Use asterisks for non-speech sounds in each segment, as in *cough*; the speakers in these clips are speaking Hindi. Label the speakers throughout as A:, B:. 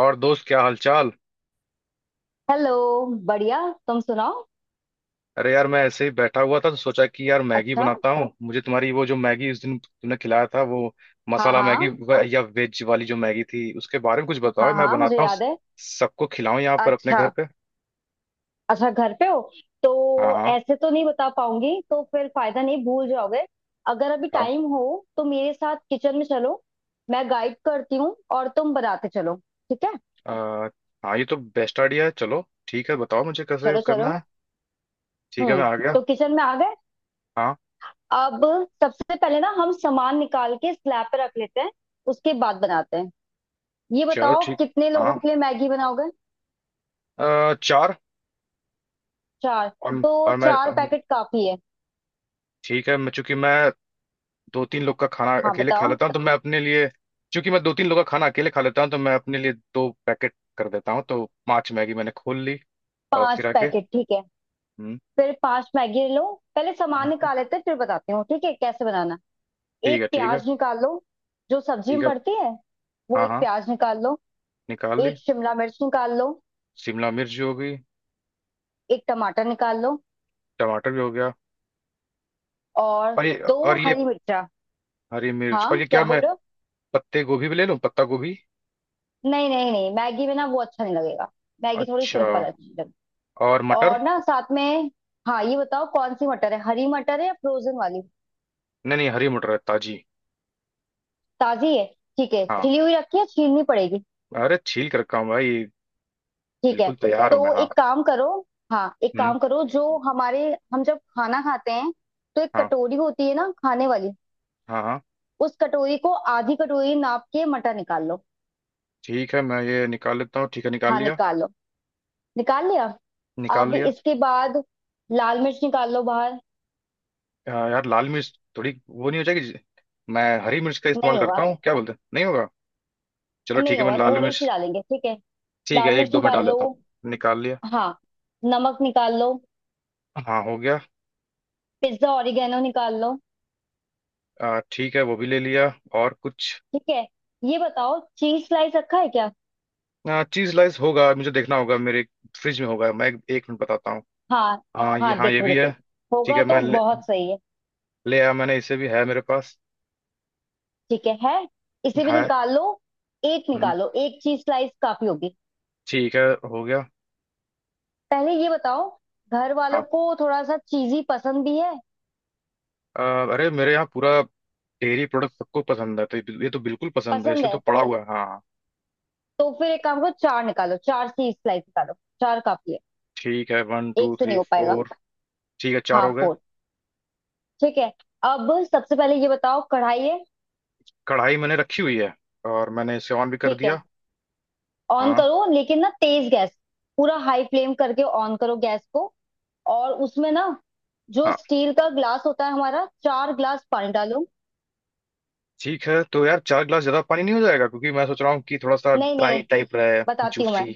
A: और दोस्त, क्या हालचाल।
B: हेलो। बढ़िया। तुम सुनाओ।
A: अरे यार, मैं ऐसे ही बैठा हुआ था तो सोचा कि यार, मैगी
B: अच्छा।
A: बनाता हूँ। मुझे तुम्हारी वो, जो मैगी उस दिन तुमने खिलाया था, वो
B: हाँ
A: मसाला मैगी
B: हाँ।
A: या वेज वाली जो मैगी थी उसके बारे में कुछ बताओ।
B: हाँ
A: मैं
B: हाँ, मुझे
A: बनाता हूँ,
B: याद है।
A: सबको खिलाऊं यहाँ पर अपने
B: अच्छा।
A: घर पे।
B: अच्छा, घर पे हो तो
A: हाँ हाँ।
B: ऐसे तो नहीं बता पाऊंगी। तो फिर फायदा नहीं, भूल जाओगे। अगर अभी
A: हाँ।
B: टाइम हो तो मेरे साथ किचन में चलो। मैं गाइड करती हूँ और तुम बनाते चलो। ठीक है।
A: अ, हाँ, ये तो बेस्ट आइडिया है। चलो, ठीक है, बताओ मुझे कैसे
B: चलो
A: करना
B: चलो।
A: है। ठीक है, मैं
B: हम्म।
A: आ गया।
B: तो किचन में आ गए।
A: हाँ।
B: अब सबसे पहले ना हम सामान निकाल के स्लैब पे रख लेते हैं। उसके बाद बनाते हैं। ये
A: चलो
B: बताओ
A: ठीक।
B: कितने लोगों
A: हाँ।
B: के लिए मैगी बनाओगे।
A: चार।
B: चार।
A: और
B: तो
A: और मैं।
B: चार पैकेट काफी है।
A: ठीक है, मैं, चूंकि मैं दो तीन लोग का खाना
B: हाँ
A: अकेले खा
B: बताओ।
A: लेता हूँ तो मैं अपने लिए। क्योंकि मैं दो तीन लोग का खाना अकेले खा लेता हूँ, तो मैं अपने लिए 2 पैकेट कर देता हूँ। तो पांच मैगी मैंने खोल ली। और
B: पांच
A: फिर आके।
B: पैकेट ठीक है।
A: हम्म।
B: फिर पांच मैगी लो। पहले सामान
A: हम्म,
B: निकाल लेते हैं, फिर बताती हूँ ठीक है कैसे बनाना।
A: ठीक
B: एक
A: है, ठीक है।
B: प्याज निकाल लो, जो सब्जी
A: ठीक
B: में
A: है।
B: पड़ती है वो,
A: हाँ।
B: एक
A: हाँ।
B: प्याज निकाल लो।
A: निकाल ली।
B: एक शिमला मिर्च निकाल लो।
A: शिमला मिर्च भी हो गई।
B: एक टमाटर निकाल लो।
A: टमाटर भी हो गया।
B: और
A: और ये।
B: दो
A: और ये
B: हरी मिर्चा।
A: हरी मिर्च। और ये,
B: हाँ क्या
A: क्या
B: बोल
A: मैं
B: रहे हो?
A: पत्ते गोभी भी ले लूँ, पत्ता गोभी?
B: नहीं नहीं नहीं, मैगी में ना वो अच्छा नहीं लगेगा। मैगी थोड़ी
A: अच्छा।
B: सिंपल अच्छी लगेगी।
A: और मटर?
B: और ना साथ में। हाँ ये बताओ कौन सी मटर है, हरी मटर है या फ्रोजन वाली?
A: नहीं नहीं, हरी मटर है, ताजी।
B: ताजी है। ठीक है।
A: हाँ।
B: छिली हुई रखी है, छीलनी पड़ेगी?
A: अरे, छील कर रखा हूँ भाई।
B: ठीक है
A: बिल्कुल तैयार हूँ मैं।
B: तो
A: हाँ।
B: एक काम करो। हाँ एक
A: हम्म।
B: काम करो जो हमारे, हम जब खाना खाते हैं तो एक
A: हाँ,
B: कटोरी होती है ना खाने वाली,
A: हाँ। हाँ।
B: उस कटोरी को आधी कटोरी नाप के मटर निकाल लो।
A: ठीक है, मैं ये निकाल लेता हूँ। ठीक है, निकाल
B: हाँ
A: लिया।
B: निकाल लो। निकाल लिया।
A: निकाल
B: अब
A: लिया।
B: इसके बाद लाल मिर्च निकाल लो बाहर।
A: यार, लाल मिर्च थोड़ी वो नहीं हो जाएगी जी? मैं हरी मिर्च का इस्तेमाल
B: नहीं
A: करता
B: होगा।
A: हूँ, क्या बोलते हैं, नहीं होगा? चलो
B: नहीं
A: ठीक है, मैं
B: होगा,
A: लाल
B: थोड़ी सी
A: मिर्च।
B: डालेंगे ठीक है।
A: ठीक है,
B: लाल
A: एक
B: मिर्च
A: दो मैं
B: निकाल
A: डाल
B: लो।
A: लेता हूँ, निकाल लिया।
B: हाँ। नमक निकाल लो।
A: हाँ, हो गया।
B: पिज्जा ऑरिगेनो निकाल लो।
A: ठीक है, वो भी ले लिया। और कुछ?
B: ठीक है। ये बताओ चीज स्लाइस रखा है क्या?
A: चीज स्लाइस होगा, मुझे देखना होगा, मेरे फ्रिज में होगा। मैं 1 मिनट बताता हूँ।
B: हाँ
A: हाँ ये,
B: हाँ
A: हाँ ये
B: देखो
A: भी है।
B: देखो,
A: ठीक
B: होगा
A: है, मैं
B: तो बहुत सही है।
A: ले आया। मैंने, इसे भी है मेरे पास।
B: ठीक है, है। इसे भी
A: है।
B: निकाल लो। एक
A: हम्म,
B: निकालो, एक चीज स्लाइस काफी होगी।
A: ठीक है, हो गया।
B: पहले ये बताओ, घर
A: हाँ।
B: वालों को थोड़ा सा चीजी पसंद भी है?
A: अ, अरे, मेरे यहाँ पूरा डेयरी प्रोडक्ट सबको पसंद है तो। ये तो बिल्कुल पसंद है,
B: पसंद
A: इसलिए तो
B: है
A: पड़ा हुआ है, हाँ।
B: तो फिर एक काम करो, चार निकालो, चार चीज स्लाइस निकालो। चार काफी है।
A: ठीक है, वन टू
B: एक से नहीं
A: थ्री
B: हो पाएगा।
A: फोर। ठीक है, चार
B: हाँ
A: हो गए।
B: फोर। ठीक है। अब सबसे पहले ये बताओ, कढ़ाई है?
A: कढ़ाई मैंने रखी हुई है, और मैंने इसे ऑन भी कर
B: ठीक है,
A: दिया।
B: ऑन
A: हाँ,
B: करो लेकिन ना तेज गैस। पूरा हाई फ्लेम करके ऑन करो गैस को। और उसमें ना, जो
A: हाँ।
B: स्टील का ग्लास होता है हमारा, 4 ग्लास पानी डालो।
A: ठीक है तो यार, 4 गिलास ज्यादा पानी नहीं हो जाएगा? क्योंकि मैं सोच रहा हूँ कि थोड़ा सा
B: नहीं
A: ड्राई
B: नहीं।
A: टाइप रहे।
B: बताती हूँ मैं।
A: जूसी।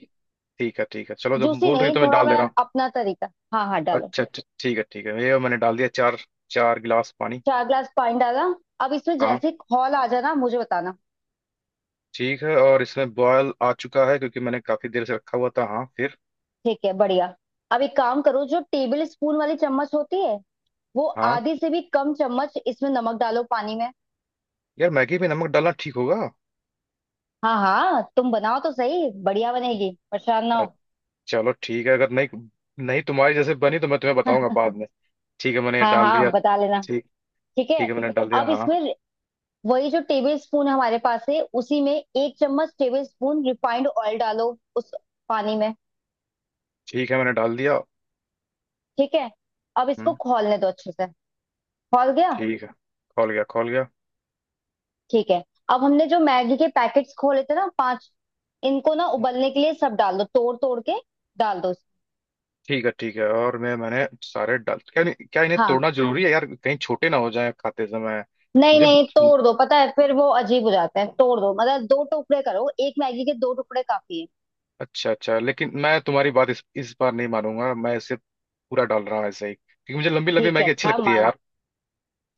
A: ठीक है, ठीक है, चलो जब
B: जूसी
A: बोल रही हो
B: नहीं,
A: तो मैं
B: थोड़ा
A: डाल दे
B: मैं
A: रहा हूँ।
B: अपना तरीका। हाँ हाँ डालो।
A: अच्छा अच्छा, ठीक है, ठीक है, ये मैंने डाल दिया, चार। 4 गिलास पानी।
B: 4 ग्लास पानी डाला। अब इसमें
A: हाँ,
B: जैसे ही खौल आ जाना मुझे बताना।
A: ठीक है, और इसमें बॉयल आ चुका है क्योंकि मैंने काफी देर से रखा हुआ था। हाँ, फिर?
B: ठीक है बढ़िया। अब एक काम करो, जो टेबल स्पून वाली चम्मच होती है वो,
A: हाँ
B: आधी से भी कम चम्मच इसमें नमक डालो पानी में।
A: यार, मैगी में नमक डालना ठीक होगा?
B: हाँ हाँ तुम बनाओ तो सही, बढ़िया बनेगी, परेशान ना
A: अ,
B: हो।
A: चलो ठीक है, अगर नहीं। नहीं, तुम्हारी जैसे बनी तो मैं तुम्हें बताऊंगा
B: *laughs*
A: बाद में। ठीक है, मैंने ये
B: हाँ
A: डाल दिया।
B: हाँ बता लेना।
A: ठीक।
B: ठीक
A: ठीक
B: है।
A: है, मैंने डाल दिया,
B: अब
A: हाँ।
B: इसमें वही जो टेबल स्पून हमारे पास है, उसी में एक चम्मच टेबल स्पून रिफाइंड ऑयल डालो उस पानी में।
A: ठीक है, मैंने डाल दिया।
B: ठीक है। अब इसको
A: हम्म।
B: खौलने दो अच्छे से। खौल गया।
A: ठीक है, खोल गया, खोल गया।
B: ठीक है। अब हमने जो मैगी के पैकेट्स खोले थे ना, पांच, इनको ना उबलने के लिए सब डाल दो तोड़ तोड़ के। डाल दो।
A: ठीक है, ठीक है, और मैंने सारे डाल, क्या? क्या इन्हें
B: हाँ।
A: तोड़ना जरूरी है यार, कहीं छोटे ना हो जाए खाते समय?
B: नहीं
A: मुझे।
B: नहीं, तोड़ दो, पता है फिर वो अजीब हो जाते हैं, तोड़ दो मतलब दो टुकड़े करो, एक मैगी के दो टुकड़े काफी है।
A: अच्छा अच्छा, लेकिन मैं तुम्हारी बात इस बार नहीं मानूंगा। मैं इसे पूरा डाल रहा हूँ ऐसे ही, क्योंकि मुझे लंबी लंबी
B: ठीक है,
A: मैगी अच्छी
B: अच्छा
A: लगती है
B: मान।
A: यार।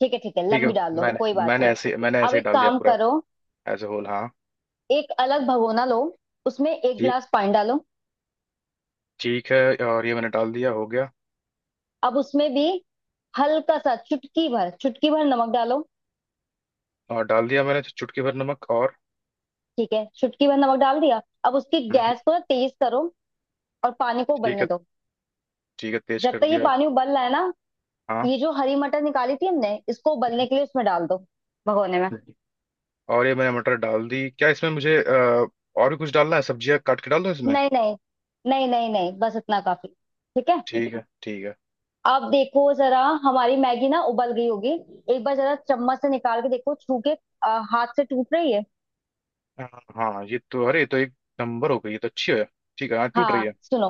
B: ठीक है ठीक है,
A: ठीक है।
B: लंबी डाल दो
A: मैंने
B: कोई बात नहीं।
A: मैंने
B: अब
A: ऐसे ही
B: एक
A: डाल दिया
B: काम
A: पूरा।
B: करो,
A: एज ए होल। हाँ।
B: एक अलग भगोना लो, उसमें एक
A: जी।
B: गिलास पानी डालो।
A: ठीक है, और ये मैंने डाल दिया, हो गया।
B: अब उसमें भी हल्का सा, चुटकी भर, चुटकी भर नमक डालो।
A: और डाल दिया मैंने चुटकी भर नमक और।
B: ठीक है। चुटकी भर नमक डाल दिया। अब उसकी
A: हम्म,
B: गैस को ना तेज करो और पानी को
A: ठीक
B: उबलने
A: है,
B: दो।
A: ठीक है, तेज
B: जब
A: कर
B: तक ये
A: दिया।
B: पानी उबल रहा है ना,
A: हाँ।
B: ये जो हरी मटर निकाली थी हमने, इसको उबलने के लिए उसमें डाल दो, भगोने में।
A: और ये मैंने मटर डाल दी। क्या इसमें मुझे और भी कुछ डालना है? सब्जियां काट के डाल दो इसमें।
B: नहीं नहीं नहीं नहीं नहीं, बस इतना काफी। ठीक है।
A: ठीक है, ठीक है।
B: अब देखो जरा हमारी मैगी ना उबल गई होगी। एक बार जरा चम्मच से निकाल के देखो, छू के हाथ से टूट रही है।
A: हाँ। हाँ, ये तो, अरे ये तो एक नंबर हो गई, ये तो अच्छी है। ठीक है, हाँ टूट रही है।
B: हाँ सुनो।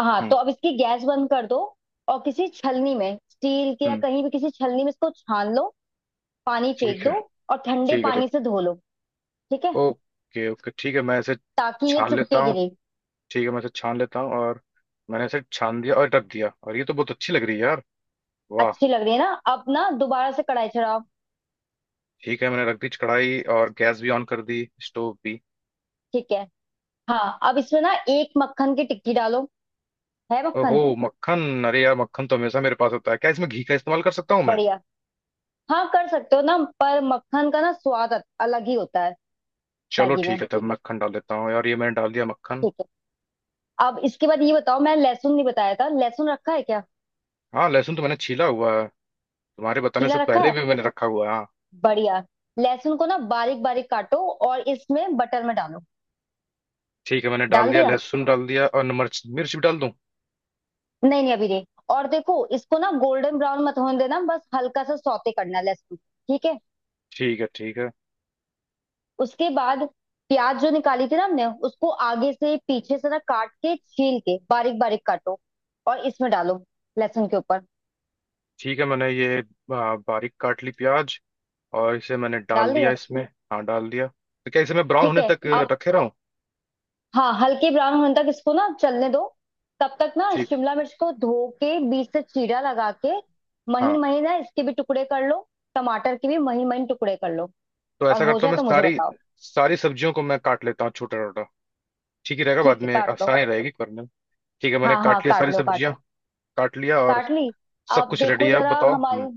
B: हाँ
A: हम्म।
B: तो अब इसकी गैस बंद कर दो और किसी छलनी में, स्टील के या
A: हम्म।
B: कहीं भी किसी छलनी में, इसको छान लो। पानी
A: ठीक
B: फेंक दो
A: है,
B: और ठंडे
A: ठीक है, ठीक।
B: पानी से धो लो। ठीक है,
A: ओके ओके, ठीक है, मैं इसे
B: ताकि ये
A: छान लेता
B: चिपकेगी
A: हूँ।
B: नहीं।
A: ठीक है, मैं इसे छान लेता हूँ और मैंने इसे छान दिया, और रख दिया, और ये तो बहुत अच्छी लग रही है यार। वाह।
B: अच्छी लग रही है ना। अब ना दोबारा से कढ़ाई चढ़ाओ।
A: ठीक है, मैंने रख दी कढ़ाई, और गैस भी ऑन कर दी, स्टोव भी।
B: ठीक है। हाँ अब इसमें ना एक मक्खन की टिक्की डालो, है
A: ओहो,
B: मक्खन?
A: मक्खन! अरे यार, मक्खन तो हमेशा मेरे पास होता है, क्या इसमें घी का इस्तेमाल कर सकता हूँ मैं?
B: बढ़िया। हाँ कर सकते हो ना, पर मक्खन का ना स्वाद अलग ही होता है।
A: चलो
B: मैगी
A: ठीक
B: में
A: है, तब मक्खन डाल देता हूँ यार। ये मैंने डाल दिया मक्खन।
B: ठीक है। अब इसके बाद ये बताओ, मैं लहसुन नहीं बताया था, लहसुन रखा है क्या?
A: हाँ, लहसुन तो मैंने छीला हुआ है, तुम्हारे बताने
B: छीला
A: से
B: रखा
A: पहले
B: है,
A: भी मैंने रखा हुआ है, हाँ।
B: बढ़िया। लहसुन को ना बारीक बारीक काटो और इसमें बटर में डालो।
A: ठीक है, मैंने डाल
B: डाल
A: दिया
B: दिया।
A: लहसुन, डाल दिया, और मिर्च मिर्च भी डाल दूँ?
B: नहीं नहीं अभी नहीं। और देखो इसको ना गोल्डन ब्राउन मत होने देना, बस हल्का सा सौते करना है लहसुन को। ठीक है।
A: ठीक है, ठीक है,
B: उसके बाद प्याज जो निकाली थी ना हमने, उसको आगे से पीछे से ना काट के, छील के बारीक बारीक काटो और इसमें डालो लहसुन के ऊपर।
A: ठीक है, मैंने ये। बारीक काट ली प्याज, और इसे मैंने डाल
B: डाल
A: दिया
B: दिया।
A: इसमें। हाँ, डाल दिया। तो क्या इसे मैं ब्राउन
B: ठीक
A: होने
B: है
A: तक
B: अब।
A: रखे रहा हूँ?
B: हाँ हल्के ब्राउन होने तक इसको ना चलने दो। तब तक ना
A: ठीक।
B: शिमला मिर्च को धो के बीच से चीरा लगा के, महीन
A: हाँ
B: महीन ना इसके भी टुकड़े कर लो। टमाटर के भी महीन महीन टुकड़े कर लो।
A: तो
B: और
A: ऐसा
B: हो
A: करता हूँ,
B: जाए
A: मैं
B: तो मुझे
A: सारी
B: बताओ।
A: सारी सब्जियों को मैं काट लेता हूँ छोटा छोटा। ठीक ही रहेगा, बाद
B: ठीक है
A: में
B: काट लो।
A: आसानी रहेगी करने में। ठीक है, मैंने
B: हाँ हाँ
A: काट लिया
B: काट
A: सारी
B: लो काट।
A: सब्जियाँ। काट लिया और।
B: काट ली।
A: सब
B: अब
A: कुछ रेडी
B: देखो
A: है, अब
B: जरा
A: बताओ। हम्म।
B: हमारी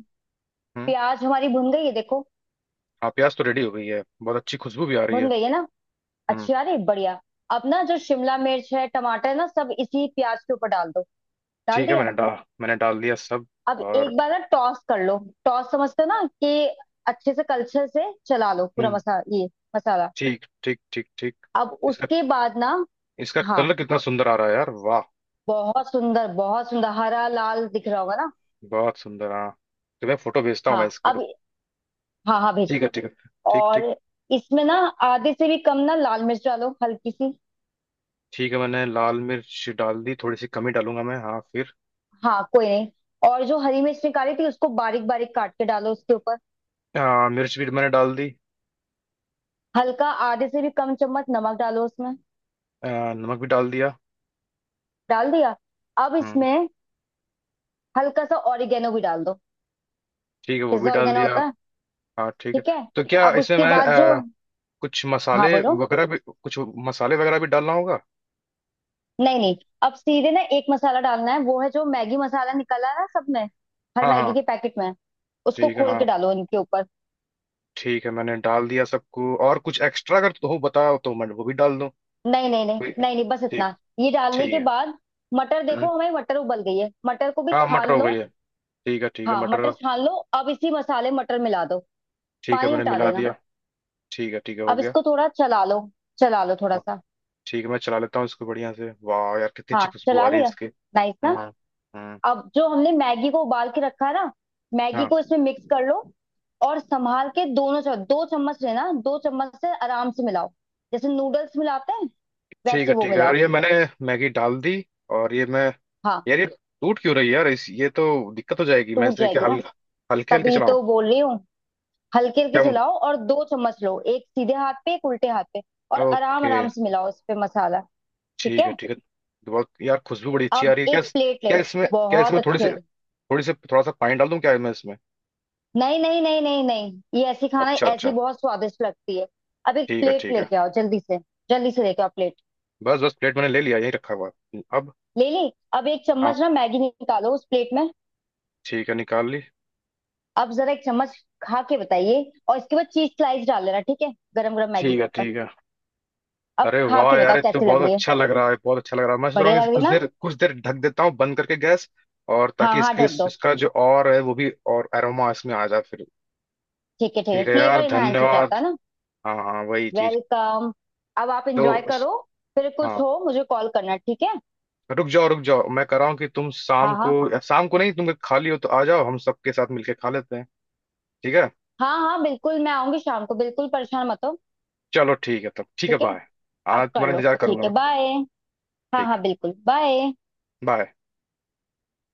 A: हम्म।
B: प्याज, हमारी भुन गई है देखो।
A: हाँ, प्याज तो रेडी हो गई है, बहुत अच्छी खुशबू भी आ रही
B: भुन
A: है।
B: गई है ना।
A: हम्म।
B: अच्छा, अरे बढ़िया। अब ना जो शिमला मिर्च है, टमाटर है ना, सब इसी प्याज के ऊपर डाल दो। डाल
A: ठीक है।
B: दिया।
A: मैंने डाल दिया सब
B: अब
A: और।
B: एक बार ना टॉस कर लो। टॉस समझते हो ना, कि अच्छे से कलछे से चला लो पूरा
A: हम्म।
B: मसाला।
A: ठीक, ठीक, ठीक, ठीक।
B: अब
A: इसका
B: उसके बाद ना।
A: इसका
B: हाँ
A: कलर कितना सुंदर आ रहा है यार, वाह।
B: बहुत सुंदर, बहुत सुंदर, हरा लाल दिख रहा होगा ना।
A: बहुत सुंदर, हाँ। तो मैं फोटो भेजता हूँ,
B: हाँ
A: मैं इसकी,
B: अब।
A: रुक।
B: हाँ हाँ
A: ठीक
B: भेजना।
A: है, ठीक है। ठीक,
B: और
A: ठीक।
B: इसमें ना आधे से भी कम ना लाल मिर्च डालो, हल्की सी।
A: ठीक है, मैंने लाल मिर्च डाल दी, थोड़ी सी कमी डालूंगा मैं, हाँ फिर।
B: हाँ कोई नहीं। और जो हरी मिर्च निकाली थी उसको बारीक बारीक काट के डालो उसके ऊपर।
A: मिर्च भी मैंने डाल दी।
B: हल्का आधे से भी कम चम्मच नमक डालो उसमें।
A: नमक भी डाल दिया।
B: डाल दिया। अब
A: हम्म,
B: इसमें हल्का सा ऑरिगेनो भी डाल दो,
A: ठीक है, वो भी
B: पिज्जा
A: डाल
B: ऑरिगेनो
A: दिया।
B: होता है।
A: हाँ, ठीक है।
B: ठीक है।
A: तो क्या
B: अब
A: इसमें
B: उसके
A: मैं
B: बाद जो,
A: कुछ
B: हाँ
A: मसाले
B: बोलो।
A: वगैरह भी कुछ? मसाले वगैरह भी डालना होगा?
B: नहीं नहीं, अब सीधे ना एक मसाला डालना है, वो है जो मैगी मसाला निकला है ना सब में, हर
A: हाँ, हाँ।
B: मैगी के पैकेट में। उसको
A: ठीक है,
B: खोल
A: हाँ।
B: के डालो इनके ऊपर।
A: ठीक है, मैंने डाल दिया सबको, और कुछ एक्स्ट्रा अगर तो हो, बताओ तो मैं वो भी डाल दूँ।
B: नहीं नहीं नहीं
A: कोई।
B: नहीं नहीं, बस
A: ठीक।
B: इतना। ये डालने
A: ठीक
B: के
A: है।
B: बाद, मटर
A: हम्म।
B: देखो हमारी मटर उबल गई है, मटर को भी
A: हाँ, मटर
B: छान
A: हो गई
B: लो।
A: है। ठीक है, ठीक है,
B: हाँ
A: मटर।
B: मटर छान लो। अब इसी मसाले में मटर मिला दो,
A: ठीक है,
B: पानी
A: मैंने
B: हटा
A: मिला
B: देना।
A: दिया। ठीक है, ठीक है, हो
B: अब
A: गया।
B: इसको थोड़ा चला लो, चला लो थोड़ा
A: हाँ
B: सा।
A: ठीक है, मैं चला लेता हूँ इसको बढ़िया से। वाह यार, कितनी
B: हाँ
A: अच्छी खुशबू
B: चला
A: आ रही है
B: लिया।
A: इसके।
B: नाइस
A: हम्म।
B: ना।
A: हम्म।
B: अब जो हमने मैगी को उबाल के रखा है ना, मैगी
A: हाँ,
B: को इसमें मिक्स कर लो। और संभाल के दोनों चम्मच, दो चम्मच लेना, दो चम्मच से आराम से मिलाओ, जैसे नूडल्स मिलाते हैं
A: ठीक है,
B: वैसे वो
A: ठीक है, और
B: मिलाओ।
A: ये मैंने मैगी डाल दी, और ये मैं।
B: हाँ
A: यार, ये टूट क्यों रही है यार, इस, ये तो दिक्कत हो जाएगी। मैं
B: टूट
A: इसे क्या,
B: जाएगी ना,
A: हल हल्के हल्के
B: तभी
A: चलाऊं
B: तो बोल रही हूँ। हल्के हल्के
A: क्या?
B: चलाओ और दो चम्मच लो, एक सीधे हाथ पे एक उल्टे हाथ पे, और आराम
A: ओके,
B: आराम से मिलाओ इस पे मसाला। ठीक
A: ठीक
B: है।
A: है, ठीक है। बहुत यार, खुशबू बड़ी अच्छी आ
B: अब
A: रही है क्या?
B: एक प्लेट ले।
A: क्या
B: बहुत
A: इसमें
B: अच्छे।
A: थोड़ी सी थोड़ा सा पानी डाल दूं, क्या मैं इसमें?
B: नहीं नहीं नहीं नहीं नहीं, ये ऐसी खाना
A: अच्छा
B: ऐसी
A: अच्छा,
B: बहुत स्वादिष्ट लगती है। अब एक
A: ठीक है,
B: प्लेट
A: ठीक है।
B: लेके आओ जल्दी से, जल्दी से लेके आओ प्लेट।
A: बस बस, प्लेट मैंने ले लिया, यही रखा हुआ है। अब।
B: ले ली। अब एक
A: हाँ,
B: चम्मच ना मैगी निकालो उस प्लेट में।
A: ठीक है, निकाल ली।
B: अब जरा एक चम्मच खा के बताइए। और इसके बाद चीज स्लाइस डाल लेना ठीक है, गरम गरम मैगी
A: ठीक
B: के
A: है,
B: ऊपर।
A: ठीक है।
B: अब
A: अरे
B: खा
A: वाह
B: के
A: यार,
B: बताओ
A: ये तो
B: कैसी
A: बहुत
B: लग रही है।
A: अच्छा लग रहा है, बहुत अच्छा लग रहा है। मैं सोच रहा हूँ
B: बढ़िया
A: कि इसे
B: लग रही
A: कुछ
B: ना।
A: देर, कुछ देर ढक देता हूँ, बंद करके गैस। और
B: हाँ
A: ताकि
B: हाँ
A: इसके,
B: ढक दो।
A: इसका जो और है वो भी, और एरोमा इसमें आ जाए फिर।
B: ठीक है ठीक है,
A: ठीक है
B: फ्लेवर
A: यार,
B: इनहेंस हो जाता
A: धन्यवाद।
B: है ना।
A: हाँ हाँ, वही चीज।
B: वेलकम। अब आप इंजॉय
A: तो।
B: करो। फिर
A: हाँ
B: कुछ हो मुझे कॉल करना ठीक है।
A: तो, रुक जाओ रुक जाओ, मैं कह रहा हूँ कि तुम
B: हाँ
A: शाम को,
B: हाँ।
A: या शाम को नहीं, तुम खाली हो तो आ जाओ, हम सबके साथ मिलके खा लेते हैं। ठीक है।
B: हाँ हाँ बिल्कुल, मैं आऊंगी शाम को, बिल्कुल परेशान मत हो।
A: चलो ठीक है तब, ठीक है,
B: ठीक है,
A: बाय। आना,
B: अब कर
A: तुम्हारा
B: लो।
A: इंतजार करूंगा
B: ठीक है
A: मैं।
B: बाय। हाँ
A: ठीक।
B: हाँ बिल्कुल बाय।
A: बाय।